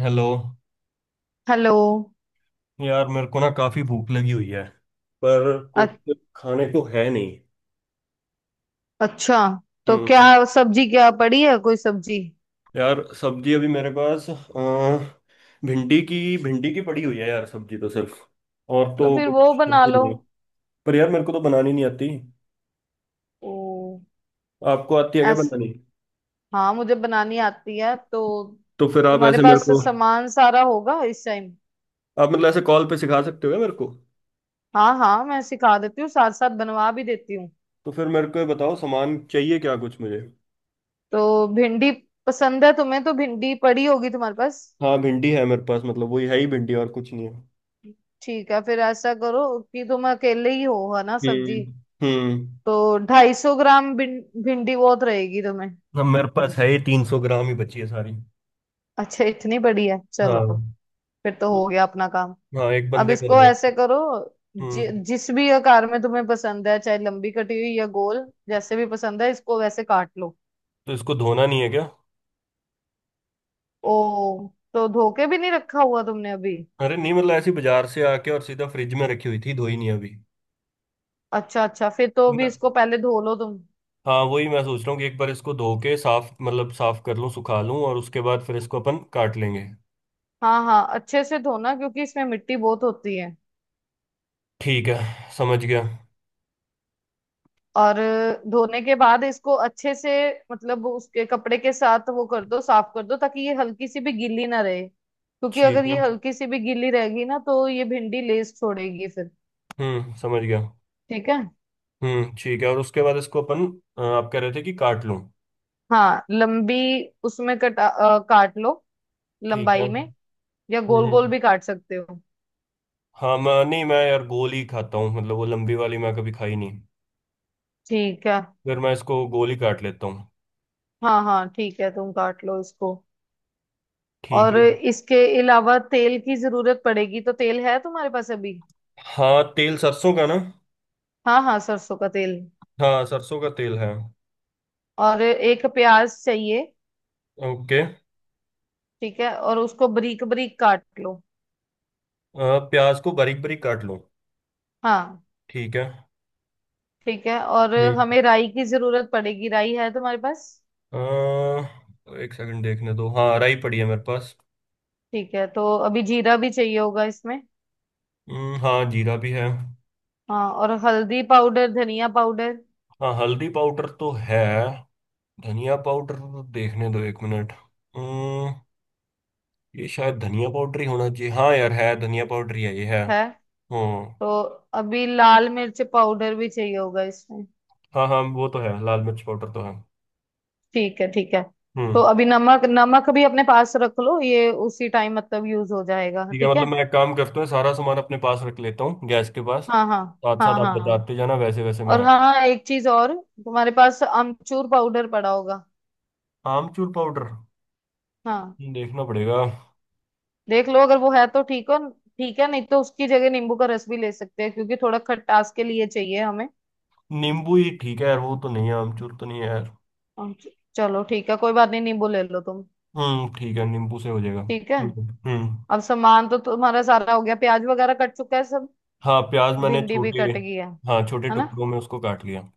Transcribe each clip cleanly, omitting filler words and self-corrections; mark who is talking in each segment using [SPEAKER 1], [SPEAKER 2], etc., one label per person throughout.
[SPEAKER 1] Hello.
[SPEAKER 2] Hello.
[SPEAKER 1] यार मेरे को ना काफी भूख लगी हुई है पर
[SPEAKER 2] अ-
[SPEAKER 1] कुछ खाने को है नहीं।
[SPEAKER 2] अच्छा, तो क्या?
[SPEAKER 1] हम्म।
[SPEAKER 2] सब्जी क्या पड़ी है? कोई सब्जी?
[SPEAKER 1] यार सब्जी अभी मेरे पास भिंडी की पड़ी हुई है यार, सब्जी तो सिर्फ और
[SPEAKER 2] तो
[SPEAKER 1] तो
[SPEAKER 2] फिर
[SPEAKER 1] कुछ
[SPEAKER 2] वो बना
[SPEAKER 1] सब्जी
[SPEAKER 2] लो।
[SPEAKER 1] नहीं है। पर यार मेरे को तो बनानी नहीं आती।
[SPEAKER 2] ओ।
[SPEAKER 1] आपको आती है क्या
[SPEAKER 2] ऐस।
[SPEAKER 1] बनानी?
[SPEAKER 2] हाँ, मुझे बनानी आती है तो
[SPEAKER 1] तो फिर आप
[SPEAKER 2] तुम्हारे
[SPEAKER 1] ऐसे मेरे
[SPEAKER 2] पास
[SPEAKER 1] को।
[SPEAKER 2] सामान सारा होगा इस टाइम?
[SPEAKER 1] आप मतलब ऐसे कॉल पे सिखा सकते हो क्या मेरे को?
[SPEAKER 2] हाँ हाँ, मैं सिखा देती हूँ, साथ साथ बनवा भी देती हूँ।
[SPEAKER 1] तो फिर मेरे को ये बताओ सामान चाहिए क्या कुछ मुझे?
[SPEAKER 2] तो भिंडी पसंद है तुम्हें तो भिंडी पड़ी होगी तुम्हारे पास।
[SPEAKER 1] हाँ भिंडी है मेरे पास, मतलब वही है ही भिंडी और कुछ नहीं है।
[SPEAKER 2] ठीक है, फिर ऐसा करो कि तुम अकेले ही हो, है ना?
[SPEAKER 1] हम्म।
[SPEAKER 2] सब्जी
[SPEAKER 1] हम्म।
[SPEAKER 2] तो 250 ग्राम भिंडी बहुत रहेगी तुम्हें।
[SPEAKER 1] हाँ मेरे पास है ही 300 ग्राम ही बची है सारी।
[SPEAKER 2] अच्छा, इतनी बड़ी है? चलो,
[SPEAKER 1] हाँ।
[SPEAKER 2] फिर तो हो गया अपना काम।
[SPEAKER 1] हाँ एक
[SPEAKER 2] अब
[SPEAKER 1] बंदे का हो
[SPEAKER 2] इसको ऐसे
[SPEAKER 1] जाएगा।
[SPEAKER 2] करो, जि,
[SPEAKER 1] हम्म।
[SPEAKER 2] जिस भी आकार में तुम्हें पसंद है, चाहे लंबी कटी हुई या गोल, जैसे भी पसंद है इसको वैसे काट लो।
[SPEAKER 1] तो इसको धोना नहीं है क्या?
[SPEAKER 2] ओ, तो धो के भी नहीं रखा हुआ तुमने अभी?
[SPEAKER 1] अरे नहीं, मतलब ऐसी बाजार से आके और सीधा फ्रिज में रखी हुई थी, धोई नहीं अभी।
[SPEAKER 2] अच्छा अच्छा, फिर तो
[SPEAKER 1] तो
[SPEAKER 2] अभी
[SPEAKER 1] मैं
[SPEAKER 2] इसको पहले धो लो तुम।
[SPEAKER 1] हाँ वही मैं सोच रहा हूँ कि एक बार इसको धो के साफ, मतलब साफ कर लूँ, सुखा लूँ और उसके बाद फिर इसको अपन काट लेंगे।
[SPEAKER 2] हाँ हाँ, अच्छे से धोना क्योंकि इसमें मिट्टी बहुत होती है।
[SPEAKER 1] ठीक है। समझ गया।
[SPEAKER 2] और धोने के बाद इसको अच्छे से, मतलब उसके कपड़े के साथ वो कर दो, साफ कर दो, ताकि ये हल्की सी भी गीली ना रहे, क्योंकि अगर
[SPEAKER 1] ठीक
[SPEAKER 2] ये
[SPEAKER 1] है।
[SPEAKER 2] हल्की सी भी गीली रहेगी ना तो ये भिंडी लेस छोड़ेगी फिर।
[SPEAKER 1] हम्म। समझ गया।
[SPEAKER 2] ठीक है।
[SPEAKER 1] हम्म, ठीक है और उसके बाद इसको अपन। आप कह रहे थे कि काट लूँ।
[SPEAKER 2] हाँ लंबी, उसमें कटा काट लो
[SPEAKER 1] ठीक है।
[SPEAKER 2] लंबाई में, या
[SPEAKER 1] हम्म
[SPEAKER 2] गोल गोल
[SPEAKER 1] हम्म।
[SPEAKER 2] भी काट सकते हो।
[SPEAKER 1] हाँ मैं, नहीं मैं यार गोल ही खाता हूँ, मतलब वो लंबी वाली मैं कभी खाई नहीं।
[SPEAKER 2] ठीक है।
[SPEAKER 1] फिर मैं इसको गोली काट लेता हूँ।
[SPEAKER 2] हाँ हाँ ठीक है, तुम काट लो इसको।
[SPEAKER 1] ठीक
[SPEAKER 2] और
[SPEAKER 1] है।
[SPEAKER 2] इसके अलावा तेल की जरूरत पड़ेगी, तो तेल है तुम्हारे पास अभी?
[SPEAKER 1] हाँ तेल सरसों का ना?
[SPEAKER 2] हाँ हाँ, सरसों का तेल।
[SPEAKER 1] हाँ सरसों का तेल है।
[SPEAKER 2] और एक प्याज चाहिए।
[SPEAKER 1] ओके।
[SPEAKER 2] ठीक है, और उसको बारीक बारीक काट लो।
[SPEAKER 1] प्याज को बारीक बारीक काट लो।
[SPEAKER 2] हाँ।
[SPEAKER 1] ठीक है।
[SPEAKER 2] ठीक है, और
[SPEAKER 1] हम्म।
[SPEAKER 2] हमें राई की जरूरत पड़ेगी, राई है तुम्हारे पास?
[SPEAKER 1] एक सेकंड, देखने दो। हाँ राई पड़ी है मेरे पास।
[SPEAKER 2] ठीक है, तो अभी जीरा भी चाहिए होगा इसमें।
[SPEAKER 1] हाँ जीरा भी है।
[SPEAKER 2] हाँ, और हल्दी पाउडर, धनिया पाउडर
[SPEAKER 1] हाँ हल्दी पाउडर तो है। धनिया पाउडर, देखने दो एक मिनट। हम्म, ये शायद धनिया पाउडर ही होना चाहिए। हाँ यार है, धनिया पाउडर ही है ये है।
[SPEAKER 2] है।
[SPEAKER 1] हम्म।
[SPEAKER 2] तो अभी लाल मिर्च पाउडर भी चाहिए होगा इसमें।
[SPEAKER 1] हाँ हाँ वो तो है, लाल मिर्च पाउडर तो है।
[SPEAKER 2] ठीक है ठीक है।
[SPEAKER 1] हम्म,
[SPEAKER 2] तो अभी नमक, नमक भी अपने पास रख लो, ये उसी टाइम मतलब यूज हो जाएगा।
[SPEAKER 1] ठीक है,
[SPEAKER 2] ठीक
[SPEAKER 1] मतलब
[SPEAKER 2] है।
[SPEAKER 1] मैं एक काम करता हूँ, सारा सामान अपने पास रख लेता हूँ गैस के पास।
[SPEAKER 2] हाँ हाँ
[SPEAKER 1] साथ साथ
[SPEAKER 2] हाँ
[SPEAKER 1] आप
[SPEAKER 2] हाँ।
[SPEAKER 1] बताते जाना, वैसे वैसे
[SPEAKER 2] और
[SPEAKER 1] मैं।
[SPEAKER 2] हाँ, एक चीज और, तुम्हारे पास अमचूर पाउडर पड़ा होगा।
[SPEAKER 1] आमचूर पाउडर?
[SPEAKER 2] हाँ।
[SPEAKER 1] देखना पड़ेगा।
[SPEAKER 2] देख लो, अगर वो है तो ठीक हो। ठीक है, नहीं तो उसकी जगह नींबू का रस भी ले सकते हैं क्योंकि थोड़ा खटास के लिए चाहिए हमें।
[SPEAKER 1] नींबू ही ठीक है यार, वो तो नहीं है, आमचूर तो नहीं है यार।
[SPEAKER 2] चलो ठीक है, कोई बात नहीं, नींबू ले लो तुम।
[SPEAKER 1] हम्म, ठीक है, नींबू से हो जाएगा।
[SPEAKER 2] ठीक है।
[SPEAKER 1] ठीक है। हम्म।
[SPEAKER 2] अब सामान तो तुम्हारा सारा हो गया, प्याज वगैरह कट चुका है सब,
[SPEAKER 1] हाँ प्याज मैंने
[SPEAKER 2] भिंडी भी
[SPEAKER 1] छोटे।
[SPEAKER 2] कट गई है
[SPEAKER 1] हाँ छोटे
[SPEAKER 2] है ना?
[SPEAKER 1] टुकड़ों में उसको काट लिया।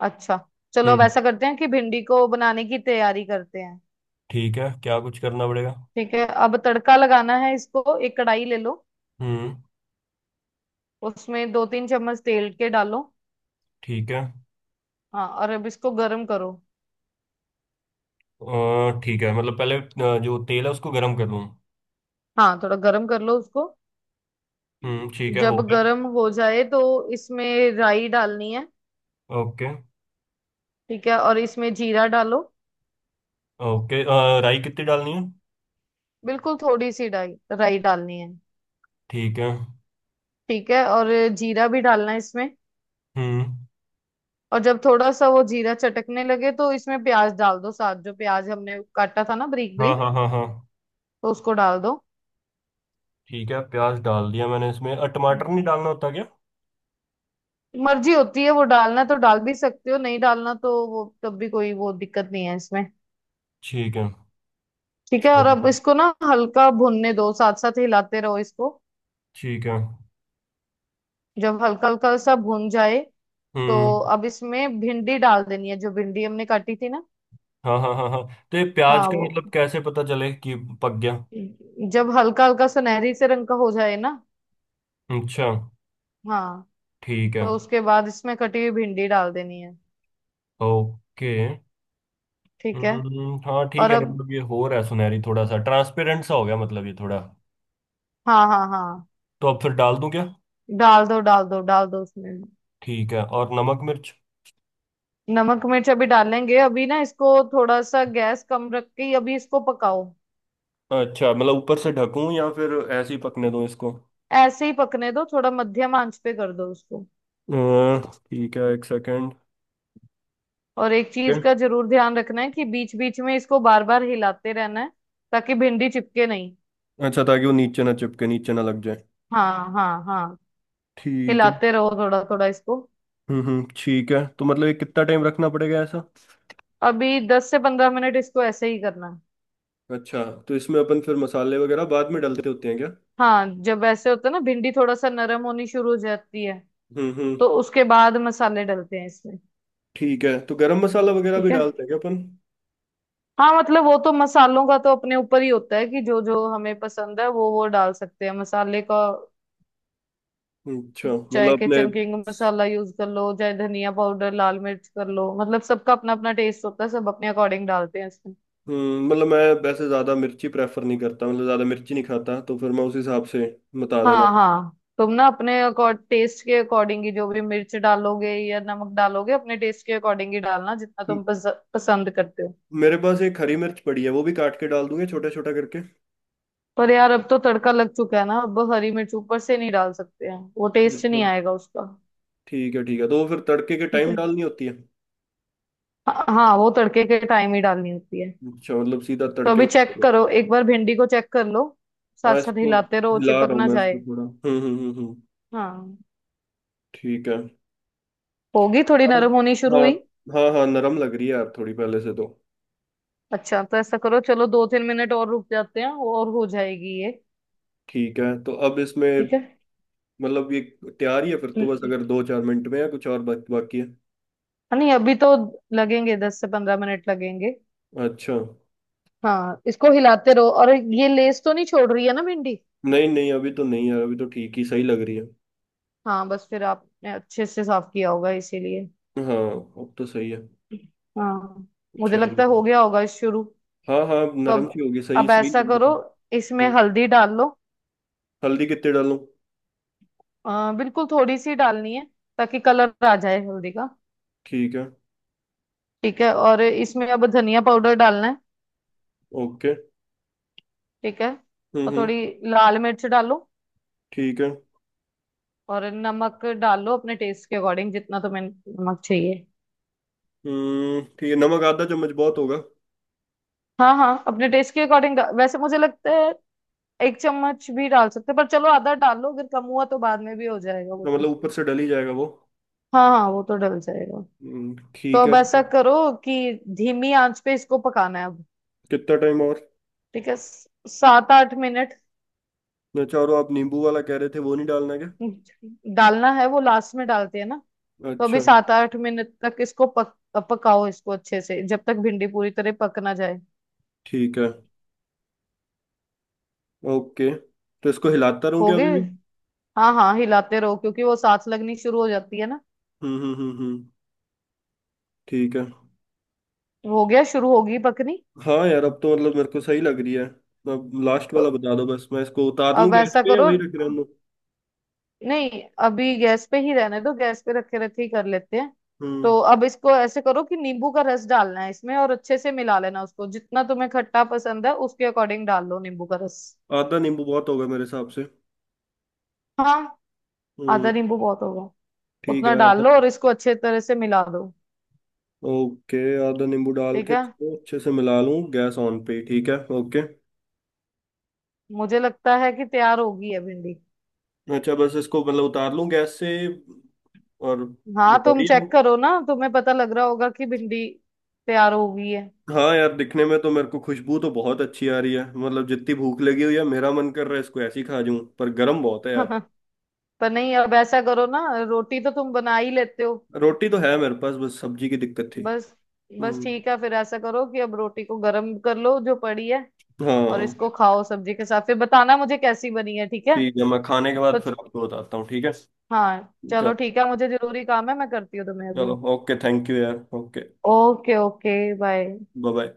[SPEAKER 2] अच्छा, चलो, अब
[SPEAKER 1] हम्म,
[SPEAKER 2] ऐसा करते हैं कि भिंडी को बनाने की तैयारी करते हैं।
[SPEAKER 1] ठीक है, क्या कुछ करना पड़ेगा?
[SPEAKER 2] ठीक है, अब तड़का लगाना है इसको, एक कढ़ाई ले लो।
[SPEAKER 1] हम्म,
[SPEAKER 2] उसमें 2-3 चम्मच तेल के डालो।
[SPEAKER 1] ठीक है।
[SPEAKER 2] हाँ, और अब इसको गर्म करो।
[SPEAKER 1] ठीक है, मतलब पहले जो तेल है उसको गर्म कर लूँ।
[SPEAKER 2] हाँ, थोड़ा गर्म कर लो उसको।
[SPEAKER 1] हम्म, ठीक है, हो
[SPEAKER 2] जब
[SPEAKER 1] गया।
[SPEAKER 2] गर्म हो जाए तो इसमें राई डालनी है।
[SPEAKER 1] ओके।
[SPEAKER 2] ठीक है, और इसमें जीरा डालो।
[SPEAKER 1] ओके, राई कितनी डालनी है?
[SPEAKER 2] बिल्कुल थोड़ी सी राई, राई डालनी है।
[SPEAKER 1] ठीक है।
[SPEAKER 2] ठीक है, और जीरा भी डालना है इसमें।
[SPEAKER 1] हम्म
[SPEAKER 2] और जब थोड़ा सा वो जीरा चटकने लगे तो इसमें प्याज डाल दो साथ, जो प्याज हमने काटा था ना बारीक
[SPEAKER 1] हाँ
[SPEAKER 2] बारीक,
[SPEAKER 1] हाँ हाँ हाँ।
[SPEAKER 2] तो उसको डाल दो।
[SPEAKER 1] ठीक है, प्याज डाल दिया मैंने इसमें। टमाटर नहीं
[SPEAKER 2] हम्म।
[SPEAKER 1] डालना होता क्या?
[SPEAKER 2] मर्जी होती है, वो डालना तो डाल भी सकते हो, नहीं डालना तो वो तब भी कोई वो दिक्कत नहीं है इसमें।
[SPEAKER 1] ठीक है,
[SPEAKER 2] ठीक है,
[SPEAKER 1] समझ
[SPEAKER 2] और अब
[SPEAKER 1] गया।
[SPEAKER 2] इसको ना हल्का भूनने दो, साथ साथ हिलाते रहो इसको।
[SPEAKER 1] ठीक है।
[SPEAKER 2] जब हल्का हल्का सा भून जाए तो
[SPEAKER 1] हम्म
[SPEAKER 2] अब इसमें भिंडी डाल देनी है, जो भिंडी हमने काटी थी ना।
[SPEAKER 1] हाँ हाँ हाँ हाँ। तो ये प्याज
[SPEAKER 2] हाँ
[SPEAKER 1] का
[SPEAKER 2] वो,
[SPEAKER 1] मतलब कैसे पता चले कि पक गया?
[SPEAKER 2] जब हल्का हल्का सुनहरी से रंग का हो जाए ना।
[SPEAKER 1] अच्छा।
[SPEAKER 2] हाँ,
[SPEAKER 1] ठीक है।
[SPEAKER 2] तो उसके बाद इसमें कटी हुई भिंडी डाल देनी है।
[SPEAKER 1] ओके।
[SPEAKER 2] ठीक है,
[SPEAKER 1] हम्म, हाँ ठीक
[SPEAKER 2] और
[SPEAKER 1] है,
[SPEAKER 2] अब
[SPEAKER 1] मतलब ये हो रहा है, सुनहरी थोड़ा सा ट्रांसपेरेंट सा हो गया, मतलब ये थोड़ा।
[SPEAKER 2] हाँ हाँ हाँ,
[SPEAKER 1] तो अब फिर डाल दूं क्या?
[SPEAKER 2] डाल दो डाल दो डाल दो उसमें।
[SPEAKER 1] ठीक है। और नमक मिर्च?
[SPEAKER 2] नमक मिर्च अभी डालेंगे, अभी ना इसको थोड़ा सा गैस कम रख के ही अभी इसको पकाओ।
[SPEAKER 1] अच्छा, मतलब ऊपर से ढकूं या फिर ऐसे ही पकने दूं इसको?
[SPEAKER 2] ऐसे ही पकने दो, थोड़ा मध्यम आंच पे कर दो उसको।
[SPEAKER 1] अ, ठीक है, एक सेकेंड।
[SPEAKER 2] और एक चीज का जरूर ध्यान रखना है कि बीच बीच में इसको बार बार हिलाते रहना है, ताकि भिंडी चिपके नहीं।
[SPEAKER 1] अच्छा, ताकि वो नीचे ना चिपके, नीचे ना लग जाए।
[SPEAKER 2] हाँ हाँ हाँ,
[SPEAKER 1] ठीक है।
[SPEAKER 2] हिलाते रहो थोड़ा थोड़ा इसको।
[SPEAKER 1] हम्म, ठीक है। तो मतलब ये कितना टाइम रखना पड़ेगा ऐसा?
[SPEAKER 2] अभी 10 से 15 मिनट इसको ऐसे ही करना है।
[SPEAKER 1] अच्छा। तो इसमें अपन फिर मसाले वगैरह बाद में डालते होते हैं क्या?
[SPEAKER 2] हाँ, जब ऐसे होता है ना, भिंडी थोड़ा सा नरम होनी शुरू हो जाती है,
[SPEAKER 1] हम्म।
[SPEAKER 2] तो उसके बाद मसाले डलते हैं इसमें।
[SPEAKER 1] ठीक है, तो गरम मसाला वगैरह भी
[SPEAKER 2] ठीक है।
[SPEAKER 1] डालते हैं क्या अपन?
[SPEAKER 2] हाँ, मतलब वो तो मसालों का तो अपने ऊपर ही होता है कि जो जो हमें पसंद है वो डाल सकते हैं मसाले का।
[SPEAKER 1] अच्छा,
[SPEAKER 2] चाहे
[SPEAKER 1] मतलब अपने।
[SPEAKER 2] किचन किंग मसाला यूज कर लो, चाहे धनिया पाउडर लाल मिर्च कर लो, मतलब सबका अपना अपना टेस्ट होता है, सब अपने अकॉर्डिंग डालते हैं इसमें।
[SPEAKER 1] हम्म। मतलब मैं वैसे ज़्यादा मिर्ची प्रेफर नहीं करता, मतलब ज़्यादा मिर्ची नहीं खाता तो फिर मैं उस हिसाब से। बता देना।
[SPEAKER 2] हाँ हाँ, तुम ना अपने टेस्ट के अकॉर्डिंग ही जो भी मिर्च डालोगे या नमक डालोगे, अपने टेस्ट के अकॉर्डिंग ही डालना, जितना
[SPEAKER 1] म-
[SPEAKER 2] तुम पसंद करते हो।
[SPEAKER 1] मेरे पास एक हरी मिर्च पड़ी है, वो भी काट के डाल दूंगे छोटा छोटा करके।
[SPEAKER 2] पर यार अब तो तड़का लग चुका है ना, अब बस हरी मिर्च ऊपर से नहीं डाल सकते हैं, वो टेस्ट नहीं
[SPEAKER 1] मतलब
[SPEAKER 2] आएगा उसका।
[SPEAKER 1] ठीक है, ठीक है, तो वो फिर तड़के के
[SPEAKER 2] ठीक
[SPEAKER 1] टाइम
[SPEAKER 2] है।
[SPEAKER 1] डालनी होती है।
[SPEAKER 2] हाँ हाँ, वो तड़के के टाइम ही डालनी होती है।
[SPEAKER 1] अच्छा, मतलब सीधा
[SPEAKER 2] तो
[SPEAKER 1] तड़के
[SPEAKER 2] अभी
[SPEAKER 1] में
[SPEAKER 2] चेक
[SPEAKER 1] करो।
[SPEAKER 2] करो, एक बार भिंडी को चेक कर लो, साथ
[SPEAKER 1] हाँ
[SPEAKER 2] साथ
[SPEAKER 1] इसको
[SPEAKER 2] हिलाते रहो,
[SPEAKER 1] हिला
[SPEAKER 2] चिपक
[SPEAKER 1] रहा हूँ
[SPEAKER 2] ना
[SPEAKER 1] मैं, इसको
[SPEAKER 2] जाए।
[SPEAKER 1] थोड़ा।
[SPEAKER 2] हाँ,
[SPEAKER 1] ठीक है।
[SPEAKER 2] होगी थोड़ी
[SPEAKER 1] अब।
[SPEAKER 2] नरम होनी शुरू
[SPEAKER 1] हाँ
[SPEAKER 2] हुई।
[SPEAKER 1] हाँ हाँ नरम लग रही है यार, थोड़ी पहले से तो।
[SPEAKER 2] अच्छा, तो ऐसा करो, चलो 2-3 मिनट और रुक जाते हैं और हो जाएगी ये।
[SPEAKER 1] ठीक है, तो अब इसमें।
[SPEAKER 2] ठीक है।
[SPEAKER 1] मतलब ये तैयार ही है फिर तो, बस
[SPEAKER 2] हाँ,
[SPEAKER 1] अगर दो चार मिनट में या कुछ और बाकी है?
[SPEAKER 2] नहीं अभी तो लगेंगे, 10 से 15 मिनट लगेंगे।
[SPEAKER 1] अच्छा।
[SPEAKER 2] हाँ, इसको हिलाते रहो, और ये लेस तो नहीं छोड़ रही है ना भिंडी?
[SPEAKER 1] नहीं नहीं, अभी तो नहीं यार, अभी तो ठीक ही सही लग रही है।
[SPEAKER 2] हाँ बस, फिर आपने अच्छे से साफ किया होगा इसीलिए।
[SPEAKER 1] हाँ। अब तो सही है।
[SPEAKER 2] हाँ, मुझे
[SPEAKER 1] अच्छा है
[SPEAKER 2] लगता है
[SPEAKER 1] नहीं?
[SPEAKER 2] हो गया होगा शुरू।
[SPEAKER 1] हाँ हाँ, अब
[SPEAKER 2] तो
[SPEAKER 1] नरम
[SPEAKER 2] अब
[SPEAKER 1] सी होगी, सही
[SPEAKER 2] अब
[SPEAKER 1] सही
[SPEAKER 2] ऐसा
[SPEAKER 1] लग रही
[SPEAKER 2] करो,
[SPEAKER 1] है।
[SPEAKER 2] इसमें
[SPEAKER 1] हम्म।
[SPEAKER 2] हल्दी डाल लो।
[SPEAKER 1] हल्दी कितने डालूं?
[SPEAKER 2] बिल्कुल थोड़ी सी डालनी है, ताकि कलर आ जाए हल्दी का।
[SPEAKER 1] ठीक है।
[SPEAKER 2] ठीक है, और इसमें अब धनिया पाउडर डालना है।
[SPEAKER 1] ओके।
[SPEAKER 2] ठीक है, और
[SPEAKER 1] हम्म,
[SPEAKER 2] थोड़ी लाल मिर्च डालो।
[SPEAKER 1] ठीक है।
[SPEAKER 2] और नमक डाल लो अपने टेस्ट के अकॉर्डिंग, जितना तुम्हें नमक चाहिए।
[SPEAKER 1] हम्म, ठीक है, नमक आधा चम्मच बहुत होगा।
[SPEAKER 2] हाँ हाँ, अपने टेस्ट के अकॉर्डिंग, वैसे मुझे लगता है 1 चम्मच भी डाल सकते हैं, पर चलो आधा डाल लो, अगर कम हुआ तो बाद में भी हो जाएगा वो
[SPEAKER 1] तो
[SPEAKER 2] तो।
[SPEAKER 1] मतलब ऊपर से डल ही जाएगा वो।
[SPEAKER 2] हाँ हाँ, वो तो डल जाएगा। तो
[SPEAKER 1] ठीक है।
[SPEAKER 2] अब ऐसा करो कि धीमी आंच पे इसको पकाना है अब।
[SPEAKER 1] कितना टाइम और?
[SPEAKER 2] ठीक है, 7-8 मिनट।
[SPEAKER 1] चारों आप नींबू वाला कह रहे थे, वो नहीं डालना क्या?
[SPEAKER 2] डालना है वो, लास्ट में डालते हैं ना। तो
[SPEAKER 1] अच्छा।
[SPEAKER 2] अभी 7-8 मिनट तक इसको पकाओ इसको अच्छे से जब तक भिंडी पूरी तरह पक ना जाए।
[SPEAKER 1] ठीक है। ओके। तो इसको हिलाता रहूं
[SPEAKER 2] हो
[SPEAKER 1] क्या अभी
[SPEAKER 2] गए।
[SPEAKER 1] भी?
[SPEAKER 2] हाँ हाँ, हिलाते रहो क्योंकि वो साथ लगनी शुरू हो जाती है ना।
[SPEAKER 1] हम्म हम्म हम्म हम्म, ठीक है।
[SPEAKER 2] हो गया, शुरू होगी पकनी।
[SPEAKER 1] हाँ यार, अब तो मतलब मेरे को सही लग रही है। अब लास्ट
[SPEAKER 2] तो
[SPEAKER 1] वाला बता दो बस, मैं इसको उतार लूं
[SPEAKER 2] अब
[SPEAKER 1] गैस
[SPEAKER 2] ऐसा
[SPEAKER 1] पे या
[SPEAKER 2] करो,
[SPEAKER 1] वही रख रहने दो?
[SPEAKER 2] नहीं अभी गैस पे ही रहने दो, गैस पे रखे रखे ही कर लेते हैं।
[SPEAKER 1] हम्म।
[SPEAKER 2] तो अब इसको ऐसे करो कि नींबू का रस डालना है इसमें, और अच्छे से मिला लेना उसको, जितना तुम्हें खट्टा पसंद है उसके अकॉर्डिंग डाल लो नींबू का रस।
[SPEAKER 1] आधा नींबू बहुत होगा मेरे हिसाब से।
[SPEAKER 2] हाँ,
[SPEAKER 1] हम्म,
[SPEAKER 2] आधा नींबू बहुत होगा,
[SPEAKER 1] ठीक
[SPEAKER 2] उतना
[SPEAKER 1] है, आधा।
[SPEAKER 2] डाल लो और इसको अच्छे तरह से मिला दो।
[SPEAKER 1] ओके। आधा नींबू डाल
[SPEAKER 2] ठीक
[SPEAKER 1] के
[SPEAKER 2] है,
[SPEAKER 1] इसको अच्छे से मिला लूँ गैस ऑन पे ही, ठीक है, ओके।
[SPEAKER 2] मुझे लगता है कि तैयार होगी है भिंडी।
[SPEAKER 1] अच्छा, बस इसको मतलब उतार लूँ गैस से और।
[SPEAKER 2] हाँ, तुम
[SPEAKER 1] रेडी
[SPEAKER 2] चेक
[SPEAKER 1] हूँ।
[SPEAKER 2] करो ना, तुम्हें पता लग रहा होगा कि भिंडी तैयार हो गई है।
[SPEAKER 1] हाँ यार, दिखने में तो मेरे को, खुशबू तो बहुत अच्छी आ रही है, मतलब जितनी भूख लगी हुई है, मेरा मन कर रहा है इसको ऐसे ही खा जाऊं, पर गर्म बहुत है यार।
[SPEAKER 2] पर नहीं, अब ऐसा करो ना, रोटी तो तुम बना ही लेते हो।
[SPEAKER 1] रोटी तो है मेरे पास, बस सब्जी की दिक्कत थी।
[SPEAKER 2] बस। बस
[SPEAKER 1] हम्म।
[SPEAKER 2] ठीक है, फिर ऐसा करो कि अब रोटी को गर्म कर लो जो पड़ी है, और इसको
[SPEAKER 1] हाँ।
[SPEAKER 2] खाओ सब्जी के साथ, फिर बताना मुझे कैसी बनी है, ठीक है?
[SPEAKER 1] ठीक है, मैं खाने के
[SPEAKER 2] तो
[SPEAKER 1] बाद फिर आपको बताता हूँ, ठीक है।
[SPEAKER 2] हाँ
[SPEAKER 1] चलो।
[SPEAKER 2] चलो ठीक है, मुझे जरूरी काम है, मैं करती हूँ तुम्हें
[SPEAKER 1] चलो,
[SPEAKER 2] अभी।
[SPEAKER 1] ओके, थैंक यू यार, okay.
[SPEAKER 2] Okay okay. Bye.
[SPEAKER 1] Bye bye.